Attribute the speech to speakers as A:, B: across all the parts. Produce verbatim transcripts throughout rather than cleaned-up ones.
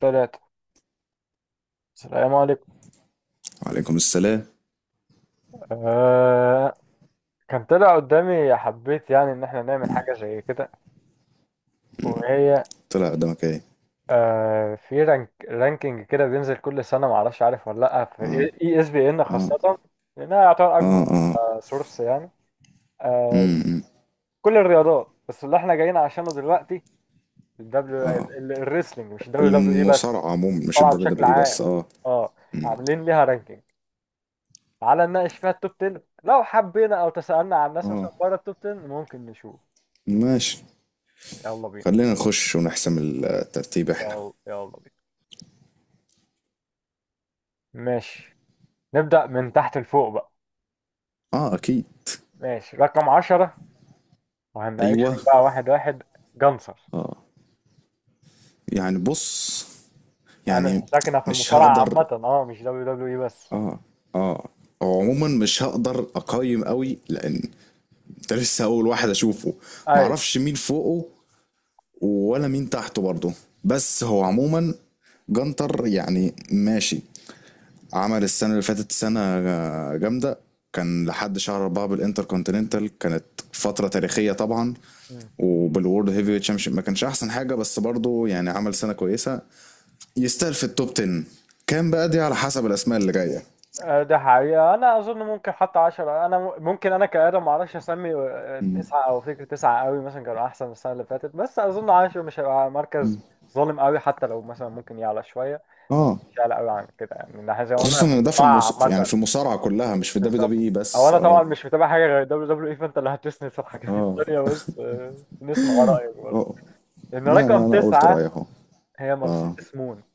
A: ثلاثة. السلام عليكم.
B: وعليكم السلام.
A: آه كان طلع قدامي حبيت يعني إن إحنا نعمل حاجة زي كده وهي.
B: طلع قدامك ايه؟
A: آه في رانك رانكينج كده بينزل كل سنة، معرفش عارف ولا لأ، في
B: اه.
A: إي إس بي إن
B: اه.
A: خاصة، لأنها يعتبر أكبر
B: اه. اه.
A: آه سورس يعني، آه،
B: امم.
A: كل الرياضات، بس اللي إحنا جايين عشانه دلوقتي الدبليو، الريسلينج، مش الدبليو دبليو إي بس.
B: المصارعة عموما مش
A: طبعا
B: الدبليو
A: بشكل
B: دبليو اي
A: عام،
B: بس. اه.
A: أه، عاملين ليها رانكينج. تعالى نناقش فيها التوب عشرة لو حبينا، أو تسألنا عن الناس
B: اه.
A: مثلا بره التوب عشرة ممكن نشوف.
B: ماشي،
A: يلا بينا.
B: خلينا نخش ونحسم الترتيب احنا.
A: يلا يلا بينا. ماشي، نبدأ من تحت لفوق بقى.
B: اه اكيد.
A: ماشي، رقم عشرة، وهنناقشهم
B: ايوه.
A: بقى واحد واحد. جنصر.
B: يعني بص،
A: اعمل
B: يعني
A: حسابك إنها في
B: مش
A: المصارعة
B: هقدر.
A: عامة، اه، مش دبليو دبليو اي بس.
B: اه هو عموما مش هقدر اقيم قوي لان ده لسه اول واحد اشوفه،
A: ايوه.
B: معرفش مين فوقه ولا مين تحته برضه. بس هو عموما جنتر يعني ماشي، عمل السنة اللي فاتت سنة جامدة. كان لحد شهر أربعة بالإنتر كونتيننتال، كانت فترة تاريخية طبعا.
A: مم.
B: وبالورد هيفي تشامبيونشيب ما كانش أحسن حاجة، بس برضه يعني عمل سنة كويسة، يستاهل في التوب عشرة. كان بقى دي على حسب الأسماء اللي جاية.
A: آه، ده حقيقة أنا أظن ممكن حتى عشرة، أنا م- ممكن أنا كآدم معرفش أسمي، آه، تسعة أو فكرة تسعة قوي مثلا كانوا أحسن السنة اللي فاتت، بس أظن عشرة مش هيبقى مركز ظالم قوي، حتى لو مثلا ممكن يعلى شوية، بس
B: اه،
A: مش يعلى قوي عن كده يعني، إن إحنا زي ما قلنا
B: خصوصا
A: في
B: ان ده في
A: المصارعة
B: المص... يعني
A: عامة.
B: في المصارعه كلها مش في الدبليو
A: بالظبط.
B: دبليو اي
A: او
B: بس.
A: انا طبعا
B: اه.
A: مش متابع حاجه غير دبليو دبليو اي، فانت اللي هتسند في الحاجات
B: اه.
A: التانيه، بس آه، نسمع رايك برضه.
B: اه.
A: لان
B: لا
A: رقم
B: انا قلت رايي
A: تسعه
B: اهو.
A: هي
B: اه،
A: مرسيدس مون،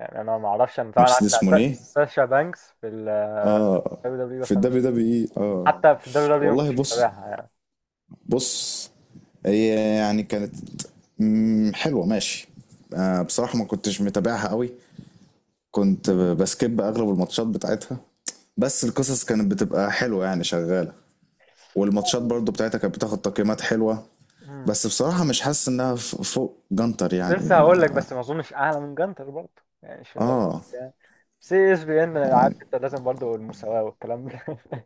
A: يعني انا ما اعرفش، انا طبعا
B: مرسيدس
A: عارف
B: مونيه.
A: ساشا بانكس في الدبليو
B: اه،
A: دبليو،
B: في
A: بس انا
B: الدبليو
A: مش،
B: دبليو اي. اه.
A: حتى في الدبليو دبليو ما
B: والله
A: كنتش
B: بص.
A: متابعها يعني.
B: بص. هي يعني كانت، مم، حلوة ماشي. آه، بصراحة ما كنتش متابعها قوي، كنت بسكيب أغلب الماتشات بتاعتها، بس القصص كانت بتبقى حلوة يعني شغالة، والماتشات برضو بتاعتها كانت بتاخد تقييمات حلوة.
A: مم.
B: بس بصراحة مش حاسس إنها ف- فوق جنتر
A: كنت
B: يعني
A: لسه هقول لك،
B: ما-
A: بس ما اظنش اعلى من جانتر برضه، يعني مش لو
B: آه،
A: يعني سي اس بي ان انا عارف انت لازم برضه المساواه والكلام ده.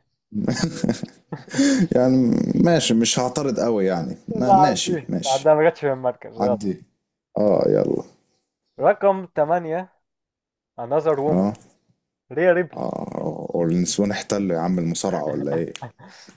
B: يعني ماشي مش هعترض قوي يعني ما
A: لا
B: ماشي
A: عندي،
B: ماشي.
A: عندها ما جاتش في المركز. يلا،
B: عدي. آه يلا.
A: رقم تمانية، another woman،
B: آه.
A: ريا ريبلي.
B: آه. النسوان احتلوا يا عم المصارعة ولا إيه؟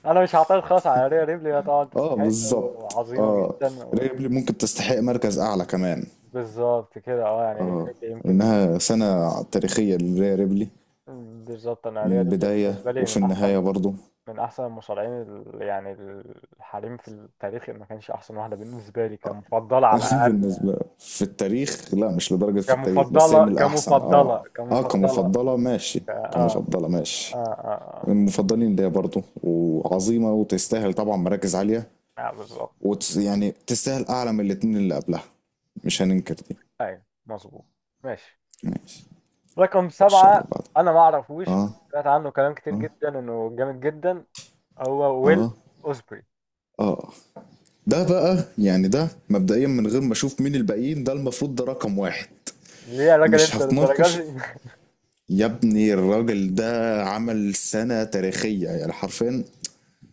A: انا مش هعترض خالص على ريا ريبلي، هي طبعا
B: اه
A: تستحق
B: بالظبط
A: وعظيمه
B: اه.
A: جدا و...
B: ريبلي ممكن تستحق مركز اعلى كمان.
A: بالظبط كده، اه، يعني ريا
B: اه،
A: ريبلي يمكن
B: انها سنة تاريخية لريا ريبلي،
A: من... بالظبط، انا
B: من
A: ريا ريبلي
B: البداية
A: بالنسبه لي
B: وفي
A: من احسن،
B: النهاية برضو.
A: من احسن المصارعين ال... يعني الحريم في التاريخ، إن ما كانش احسن واحده بالنسبه لي كمفضله على الاقل يعني.
B: بالنسبة في التاريخ لا، مش لدرجة في التاريخ، بس هي من
A: كمفضله
B: الأحسن اه.
A: كمفضله
B: اه
A: كمفضله.
B: كمفضلة ماشي.
A: ك- اه.
B: كمفضلة
A: اه.
B: ماشي. من
A: اه.
B: المفضلين ليا برضو وعظيمة وتستاهل طبعا مراكز عالية.
A: اه، آه، بالظبط.
B: وت... يعني تستاهل أعلى من الاتنين اللي قبلها، مش هننكر دي.
A: ايوه مظبوط. ماشي،
B: ماشي.
A: رقم
B: خش على
A: سبعة،
B: اللي بعده.
A: أنا ما أعرفوش بس
B: اه.
A: سمعت عنه كلام كتير
B: اه.
A: جدا إنه جامد جدا. هو ويل
B: اه.
A: أوسبري.
B: اه. ده بقى يعني ده مبدئيا من غير ما اشوف مين الباقيين، ده المفروض ده رقم واحد،
A: ليه يا راجل
B: مش
A: أنت للدرجة
B: هتناقش.
A: دي؟
B: يا ابني الراجل ده عمل سنة تاريخية يعني حرفيا.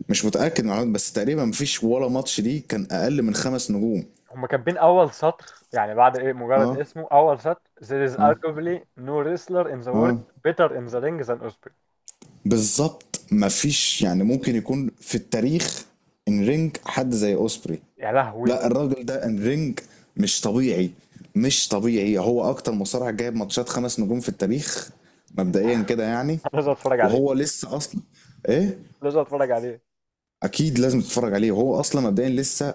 B: مش متأكد من المعلومات، بس تقريبا مفيش ولا ماتش ليه كان أقل من خمس نجوم.
A: هما كاتبين أول سطر، يعني بعد إيه، مجرد
B: اه.
A: اسمه أول سطر. There is
B: اه.
A: arguably no wrestler in the
B: اه
A: world better in the ring than Osprey.
B: بالظبط، مفيش. يعني ممكن يكون في التاريخ ان رينج حد زي اوسبري.
A: يا لهوي.
B: لا، الراجل ده الرينج مش طبيعي، مش طبيعي. هو اكتر مصارع جايب ماتشات خمس نجوم في التاريخ، مبدئيا كده يعني.
A: لازم أتفرج عليه.
B: وهو لسه اصلا، ايه؟
A: لازم أتفرج عليه.
B: اكيد لازم تتفرج عليه، وهو اصلا مبدئيا لسه،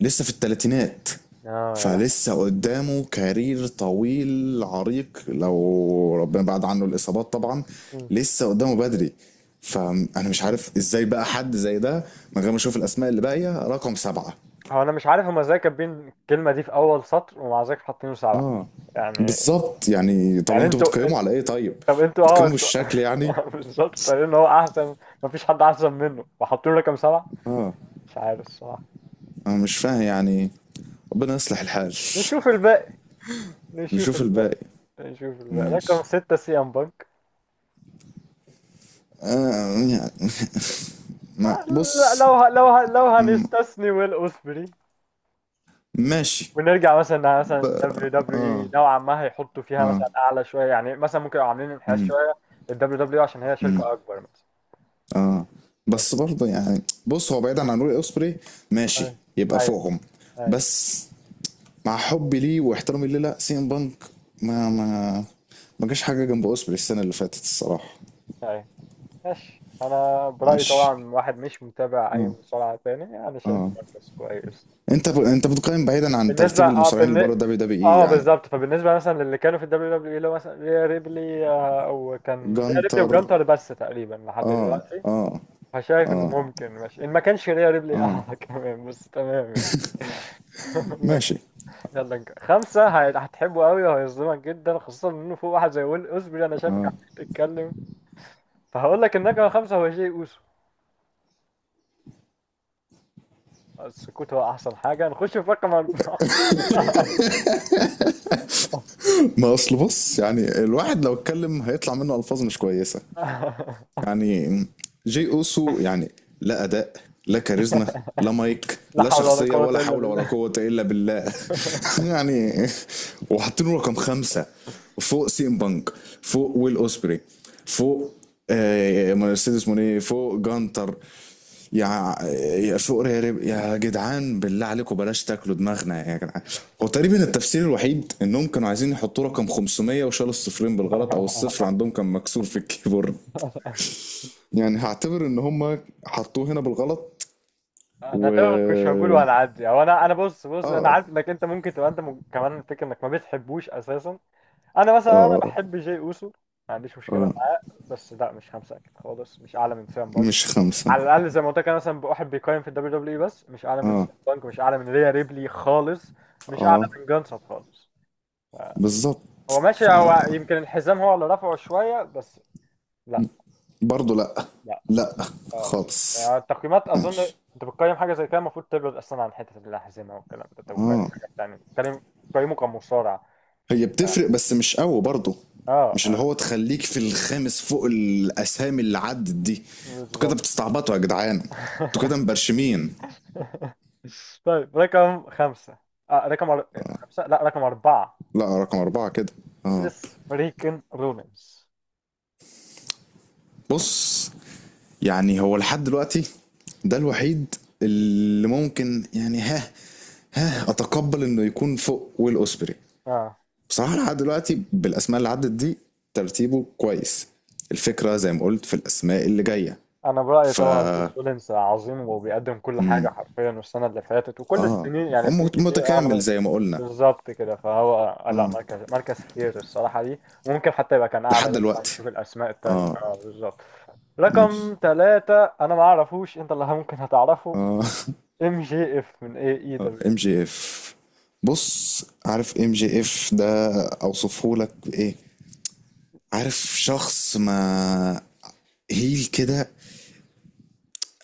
B: لسه في الثلاثينات.
A: آه، يا لهوي.
B: فلسه قدامه كارير طويل عريق لو ربنا بعد عنه الاصابات طبعا.
A: مم.
B: لسه قدامه بدري. فانا مش عارف ازاي بقى حد زي ده من غير ما اشوف الاسماء اللي باقيه رقم سبعة.
A: هو أنا مش عارف هما إزاي كاتبين الكلمة دي في أول سطر ومع ذلك حاطينه سبعة،
B: اه
A: يعني.
B: بالظبط، يعني طب
A: يعني
B: انتوا
A: أنتوا
B: بتقيموا على ايه طيب؟
A: طب انتوا اه
B: بتقيموا
A: انتوا.
B: بالشكل يعني.
A: بالظبط، طالعين ان هو احسن، مفيش حد احسن منه، وحاطين رقم سبعة.
B: اه
A: مش عارف الصراحة.
B: انا مش فاهم يعني. ربنا يصلح الحال.
A: نشوف الباقي. نشوف
B: نشوف
A: الباقي.
B: الباقي.
A: نشوف الباقي. رقم
B: ماشي.
A: ستة، سي ام بانك.
B: آه يعني. ما
A: آه، لا،
B: بص.
A: لو ه... لو ه... لو هنستثني ويل اوسبري
B: ماشي.
A: ونرجع مثلا إنها مثلا دبليو دبليو اي نوعا ما، هيحطوا فيها
B: اه.
A: مثلا اعلى شويه، يعني مثلا ممكن يبقوا عاملين انحياز
B: مم.
A: شويه للدبليو دبليو اي عشان هي
B: مم.
A: شركه اكبر مثلا،
B: اه، بس
A: بس.
B: برضه يعني بص هو بعيدا عن روي اوسبري ماشي
A: ايوه.
B: يبقى
A: ايوه.
B: فوقهم.
A: ايوه.
B: بس، مع حبي ليه واحترامي ليه، لا، سي ام بانك ما ما ما جاش حاجه جنب اوسبري السنه اللي فاتت الصراحه.
A: أيوة. ماشي، انا برايي
B: ماشي.
A: طبعا واحد مش متابع اي
B: اه.
A: مصارعه تاني، انا شايف
B: اه.
A: مركز كويس.
B: انت ب... انت بتقيم بعيدا عن
A: بالنسبه
B: ترتيب
A: اه
B: المصارعين اللي
A: بالن...
B: بره دبليو دبليو اي
A: اه
B: يعني.
A: بالظبط. فبالنسبه مثلا للي كانوا في الدبليو دبليو اي، اللي هو مثلا ريا ريبلي، آه، وكان ريا ريبلي
B: جانتر.
A: وجانتر بس تقريبا لحد
B: اه.
A: دلوقتي،
B: اه.
A: فشايف انه
B: اه.
A: ممكن ماشي ان ما كانش ريا ريبلي اعلى كمان، بس تمام يعني. يلا نك-
B: ماشي.
A: يلا نك- خمسة هي- هتحبه قوي وهيظلمك جدا، خاصة انه فوق واحد زي ويل اوزبري، انا شايفك عمال تتكلم، فهقول لك النجمة خمسة هو جاي اوسو. السكوت هو احسن حاجه، نخش في رقم اربعه.
B: ما اصل بص، يعني الواحد لو اتكلم هيطلع منه الفاظ مش كويسه يعني. جي اوسو يعني، لا اداء، لا كاريزما، لا مايك،
A: لا
B: لا
A: حول ولا
B: شخصية،
A: قوه
B: ولا
A: الا
B: حول ولا
A: بالله.
B: قوة إلا بالله. يعني وحاطينه رقم خمسة فوق سيم بانك، فوق ويل أوسبري، فوق آه، مرسيدس موني، فوق جانتر، يا يا فوق ريري- يا جدعان بالله عليكم بلاش تاكلوا دماغنا يا جدعان. هو تقريبا التفسير الوحيد انهم كانوا عايزين يحطوا رقم خمسمية وشالوا الصفرين بالغلط، او الصفر عندهم كان مكسور في الكيبورد يعني. هعتبر ان هم حطوه هنا بالغلط.
A: انا
B: و،
A: تمام، مش هقول
B: اه.
A: ولا عدي، او انا انا بص بص انا
B: اه.
A: عارف انك انت ممكن تبقى انت م... كمان الفكره انك ما بتحبوش اساسا. انا مثلا انا
B: اه.
A: بحب جاي اوسو، ما عنديش مشكله
B: آه،
A: معاه، بس لا مش خمسه اكيد خالص، مش اعلى من سام بانك.
B: مش خمسة.
A: على الاقل زي ما قلت لك، انا مثلا واحد بيقيم في الدبليو دبليو اي بس، مش اعلى من
B: اه.
A: سام بانك، مش اعلى من ريا ريبلي خالص، مش اعلى
B: اه
A: من جانسب خالص.
B: بالظبط،
A: هو ماشي،
B: ف
A: هو يمكن الحزام هو اللي رفعه شوية، بس لا.
B: برضه لا،
A: لا.
B: لا
A: اه.
B: خالص
A: يعني التقييمات أظن،
B: ماشي.
A: أنت بتقيم حاجة زي كده المفروض تبعد أصلا عن حتة الأحزمة والكلام ده، أنت بتقيم
B: اه،
A: حاجة تانية، أنت بتقيم بتقيمه كمصارع،
B: هي
A: مش
B: بتفرق بس مش قوي برضه،
A: اه.
B: مش اللي هو
A: آه،
B: تخليك في الخامس فوق الاسامي اللي عدت دي. انتوا كده
A: بالظبط.
B: بتستعبطوا يا جدعان، انتوا كده مبرشمين.
A: طيب، رقم خمسة، آه رقم أر... خمسة لا رقم أربعة،
B: لا، رقم اربعة كده. اه.
A: سيس فريكن رولينز.
B: بص، يعني هو لحد دلوقتي ده الوحيد اللي ممكن يعني ها، ها اتقبل انه يكون فوق ويل اوسبري.
A: اه،
B: بصراحه لحد دلوقتي بالاسماء اللي عدت دي ترتيبه كويس. الفكره زي ما قلت في الاسماء اللي جايه.
A: انا برأيي
B: ف
A: طبعا سيس رولينز عظيم وبيقدم كل حاجة حرفيا، والسنة اللي فاتت وكل
B: اه،
A: السنين يعني
B: هو
A: سنين
B: مت-
A: كتير
B: متكامل
A: اغلب.
B: زي ما قلنا.
A: بالظبط كده، فهو آه، لا، مركز مركز كتير الصراحة دي، ممكن حتى يبقى كان أعلى،
B: لحد
A: لسه
B: دلوقتي.
A: هنشوف الأسماء التانية.
B: اه.
A: اه، بالظبط.
B: ماشي.
A: رقم ثلاثة، أنا ما أعرفوش، أنت اللي ممكن هتعرفه،
B: اه.
A: ام جي اف من اي اي دبليو.
B: ام جي اف. بص، عارف ام جي اف ده اوصفه لك بايه؟ عارف شخص، ما هيل كده،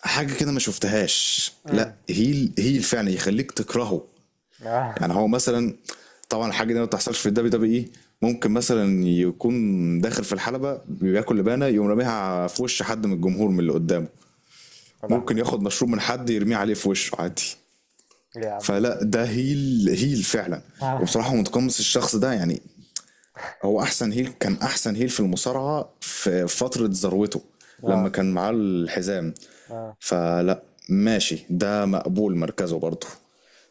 B: حاجة كده ما شفتهاش. لا،
A: امم.
B: هيل هيل فعلا يخليك تكرهه.
A: يا
B: يعني هو مثلا، طبعا الحاجة دي ما بتحصلش في الدبليو دبليو اي، ممكن مثلا يكون داخل في الحلبة بياكل لبانة يقوم راميها في وش حد من الجمهور من اللي قدامه. ممكن
A: لهوي.
B: ياخد مشروب من حد يرميه عليه في وشه عادي.
A: ليه يا عم ده.
B: فلا، ده هيل هيل فعلا.
A: اه.
B: وبصراحة متقمص الشخص ده يعني. هو احسن هيل، كان احسن هيل في المصارعه في فتره ذروته لما
A: اه.
B: كان معاه الحزام.
A: آه.
B: فلا، ماشي، ده مقبول مركزه برضه.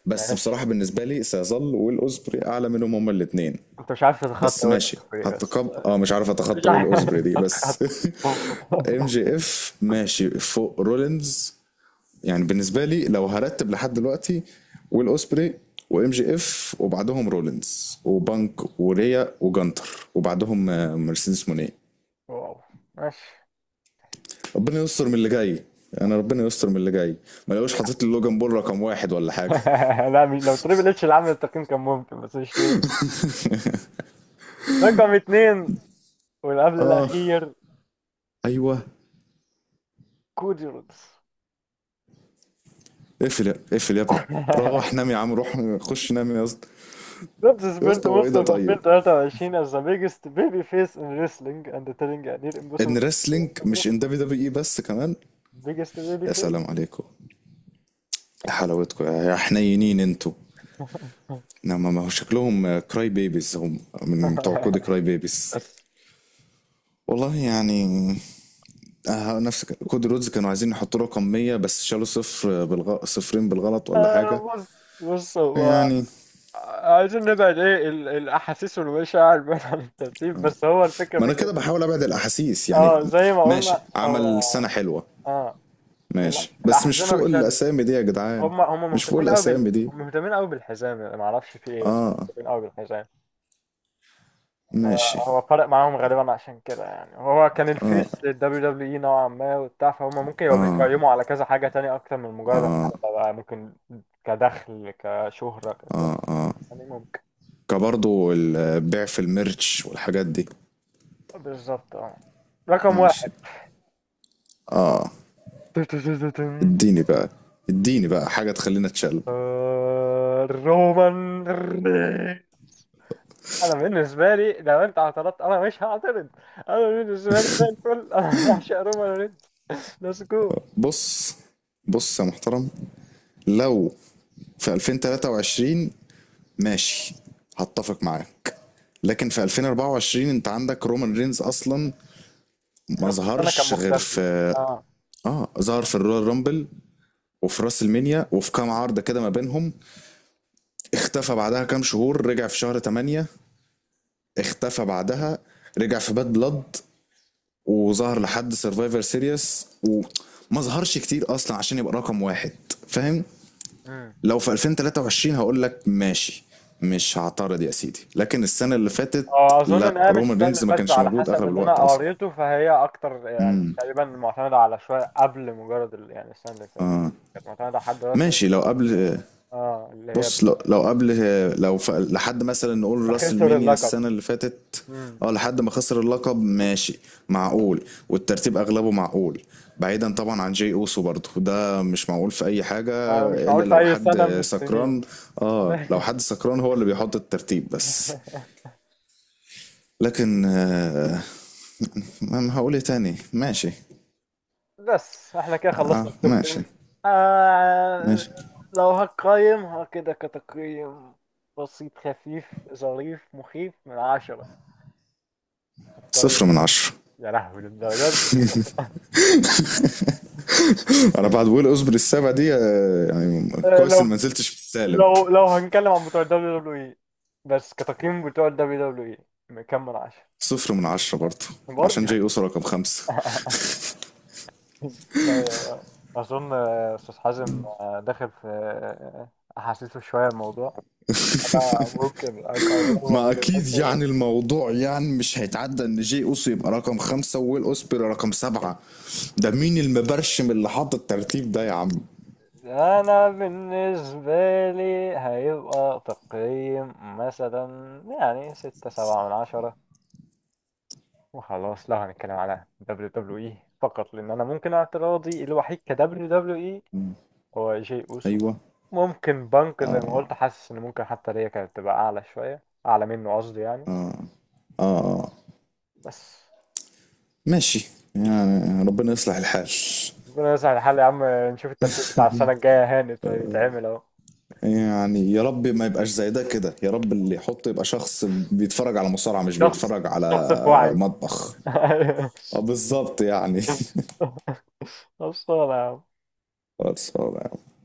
B: بس
A: ماشي.
B: بصراحه بالنسبه لي سيظل ويل اوزبري اعلى منهم هما الاثنين.
A: أنت مش عارف
B: بس
A: تتخطى وين
B: ماشي
A: بس. بس
B: هتقب اه مش عارف
A: مش
B: اتخطى ويل
A: عارف
B: اوزبري دي بس.
A: تتخطى.
B: ام جي اف ماشي فوق رولينز، يعني بالنسبه لي لو هرتب لحد دلوقتي: ويل اوسبري وام جي اف وبعدهم رولينز وبانك وريا وجانتر وبعدهم آه، مرسيدس مونيه.
A: واو. ماشي.
B: ربنا يستر من اللي جاي. انا ربنا يستر من اللي جاي. ما لقوش حاطط لي لوجان بول رقم واحد ولا حاجه.
A: لا، مش لو تريبل اتش اللي عامل التقييم كان ممكن، بس مش تريبل. رقم اتنين والقبل
B: اه.
A: الأخير،
B: ايوه.
A: كودي رودز.
B: اقفل يا- اقفل يا ابني. روح نام يا عم، روح خش نام يا اسطى.
A: رودز
B: يا
A: سبنت
B: اسطى هو ايه
A: most
B: ده
A: of
B: طيب؟
A: ألفين وتلاتة وعشرين as the biggest baby face in wrestling and telling a near
B: ان
A: impossible to
B: ريسلينج مش
A: address.
B: ان دبليو دبليو اي بس كمان.
A: Biggest baby
B: يا
A: face.
B: سلام عليكم، يا حلاوتكم يا يا حنينين انتوا. نعم ما هو شكلهم كراي بيبيز، هم من بتوع كود كراي بيبيز. والله يعني آه، نفس ك- كود رودز كانوا عايزين يحطوا رقم ميه بس شالوا صفر بالغ... صفرين بالغلط ولا حاجة
A: آه، بص بص هو
B: يعني.
A: عايزين نبعد ايه ال- الاحاسيس والمشاعر بعيد عن الترتيب، بس هو الفكره
B: ما انا
A: فكره.
B: كده بحاول ابعد الاحاسيس يعني.
A: اه، زي ما
B: ماشي
A: قلنا
B: عمل
A: هو،
B: سنة حلوة.
A: اه، ال-
B: ماشي بس مش
A: الاحزمه
B: فوق
A: مش هي اللي،
B: الاسامي دي يا جدعان.
A: هم هم
B: مش فوق
A: مهتمين قوي
B: الاسامي
A: بال...
B: دي.
A: مهتمين قوي بالحزام، يعني ما اعرفش في ايه، بس
B: اه.
A: مهتمين قوي بالحزام.
B: ماشي.
A: هو فرق معاهم غالبا عشان كده يعني، هو كان الفيس للدبليو دبليو اي نوعا ما وبتاع، فهم ممكن يبقوا
B: اه.
A: بيقيموا على كذا حاجة تانية اكتر من مجرد
B: اه.
A: الحلبة بقى، ممكن كدخل، كشهرة كده
B: اه. اه،
A: يعني، ممكن.
B: كبرضو البيع في الميرتش والحاجات دي.
A: بالظبط، اه. رقم واحد.
B: ماشي. اه. اديني بقى. اديني بقى حاجة تخلينا اتشل.
A: رومان. انا بالنسبه لي لو انت اعترضت انا مش هعترض، انا بالنسبه لي زي الفل. انا بعشق رومان رينز. ليتس جو.
B: بص، بص يا محترم، لو في ألفين وتلاتة وعشرين ماشي هتفق معاك، لكن في ألفين وأربعة وعشرين انت عندك رومان رينز اصلا، ما
A: نص السنه كان
B: ظهرش غير
A: مختفي.
B: في،
A: اه.
B: اه، ظهر في الرويال رامبل وفي راس المنيا وفي كام عرضة كده ما بينهم، اختفى بعدها كام شهور، رجع في شهر تمانية، اختفى بعدها، رجع في باد بلاد، وظهر لحد سرفايفر سيريس، وما ظهرش كتير اصلا عشان يبقى رقم واحد، فاهم؟
A: امم.
B: لو في ألفين وتلاتة وعشرين هقول لك ماشي، مش هعترض يا سيدي، لكن السنه اللي فاتت
A: اه، اظن ان
B: لا،
A: هي مش
B: رومان
A: السنه اللي
B: رينز ما
A: فاتت،
B: كانش
A: على
B: موجود
A: حسب
B: اغلب
A: اللي انا
B: الوقت اصلا.
A: قريته، فهي اكتر يعني تقريبا معتمده على شويه قبل مجرد ال- يعني السنه اللي فاتت، كانت معتمده على حد رسمي،
B: ماشي لو قبل.
A: اه، اللي هي
B: بص، لو لو قبل لو ف... لحد مثلا نقول راس
A: خسر
B: المنيا
A: اللقب.
B: السنة اللي فاتت.
A: امم.
B: اه، لحد ما خسر اللقب ماشي. معقول، والترتيب اغلبه معقول، بعيدا طبعا عن جي اوسو، برضه ده مش معقول في اي حاجة.
A: آه، مش
B: الا
A: معقول في
B: لو
A: اي سنه من
B: حد
A: السنين.
B: سكران، اه، لو حد سكران هو اللي بيحط الترتيب بس. لكن آه، ما ما هقول ايه تاني. ماشي.
A: بس احنا كده
B: اه
A: خلصنا التوب
B: ماشي.
A: عشرة. آه،
B: ماشي.
A: لو هقيم، ها كده كتقييم بسيط خفيف ظريف مخيف، من عشرة هقيم.
B: صفر من عشرة.
A: يا لهوي، للدرجة دي.
B: انا بعد ويل اوزبري السابع دي آه، يعني
A: آه،
B: كويس اني
A: لو
B: ما نزلتش في السالب.
A: لو لو هنتكلم عن بتوع الدبليو دبليو اي بس، كتقييم بتوع الدبليو دبليو اي كام من عشرة.
B: صفر من عشرة برضه، عشان
A: برضه.
B: جاي اوسو رقم خمسة.
A: طيب، أظن آه، أستاذ حازم آه، داخل في آه، أحاسيسه شوية الموضوع، أنا ممكن
B: ما
A: أقيمه.
B: اكيد يعني، الموضوع يعني مش هيتعدى ان جاي اوسو يبقى رقم خمسة وويل اوسبري رقم سبعة. ده مين المبرشم اللي حط الترتيب ده يا عم؟
A: انا بالنسبة لي هيبقى تقييم مثلا يعني ستة سبعة من عشرة وخلاص، لو هنتكلم على دبليو دبليو اي فقط، لان انا ممكن اعتراضي الوحيد كدبليو دبليو اي هو جي اوسو.
B: ايوه.
A: ممكن بنك زي ما
B: اه.
A: قلت، حاسس ان ممكن حتى ليا كانت تبقى اعلى شوية، اعلى منه قصدي يعني،
B: اه. اه. آه.
A: بس.
B: ماشي، يعني ربنا يصلح الحال.
A: ربنا يسهل الحال يا عم، نشوف الترتيب بتاع السنة الجاية هاني يتعمل اهو.
B: يعني يا رب ما يبقاش زي ده كده، يا رب اللي يحطه يبقى شخص بيتفرج على مصارعة مش
A: الشخص
B: بيتفرج على
A: الشخص في وعيه.
B: مطبخ. اه بالظبط يعني.
A: خلصانة يا عم.
B: خلصانة يا عم.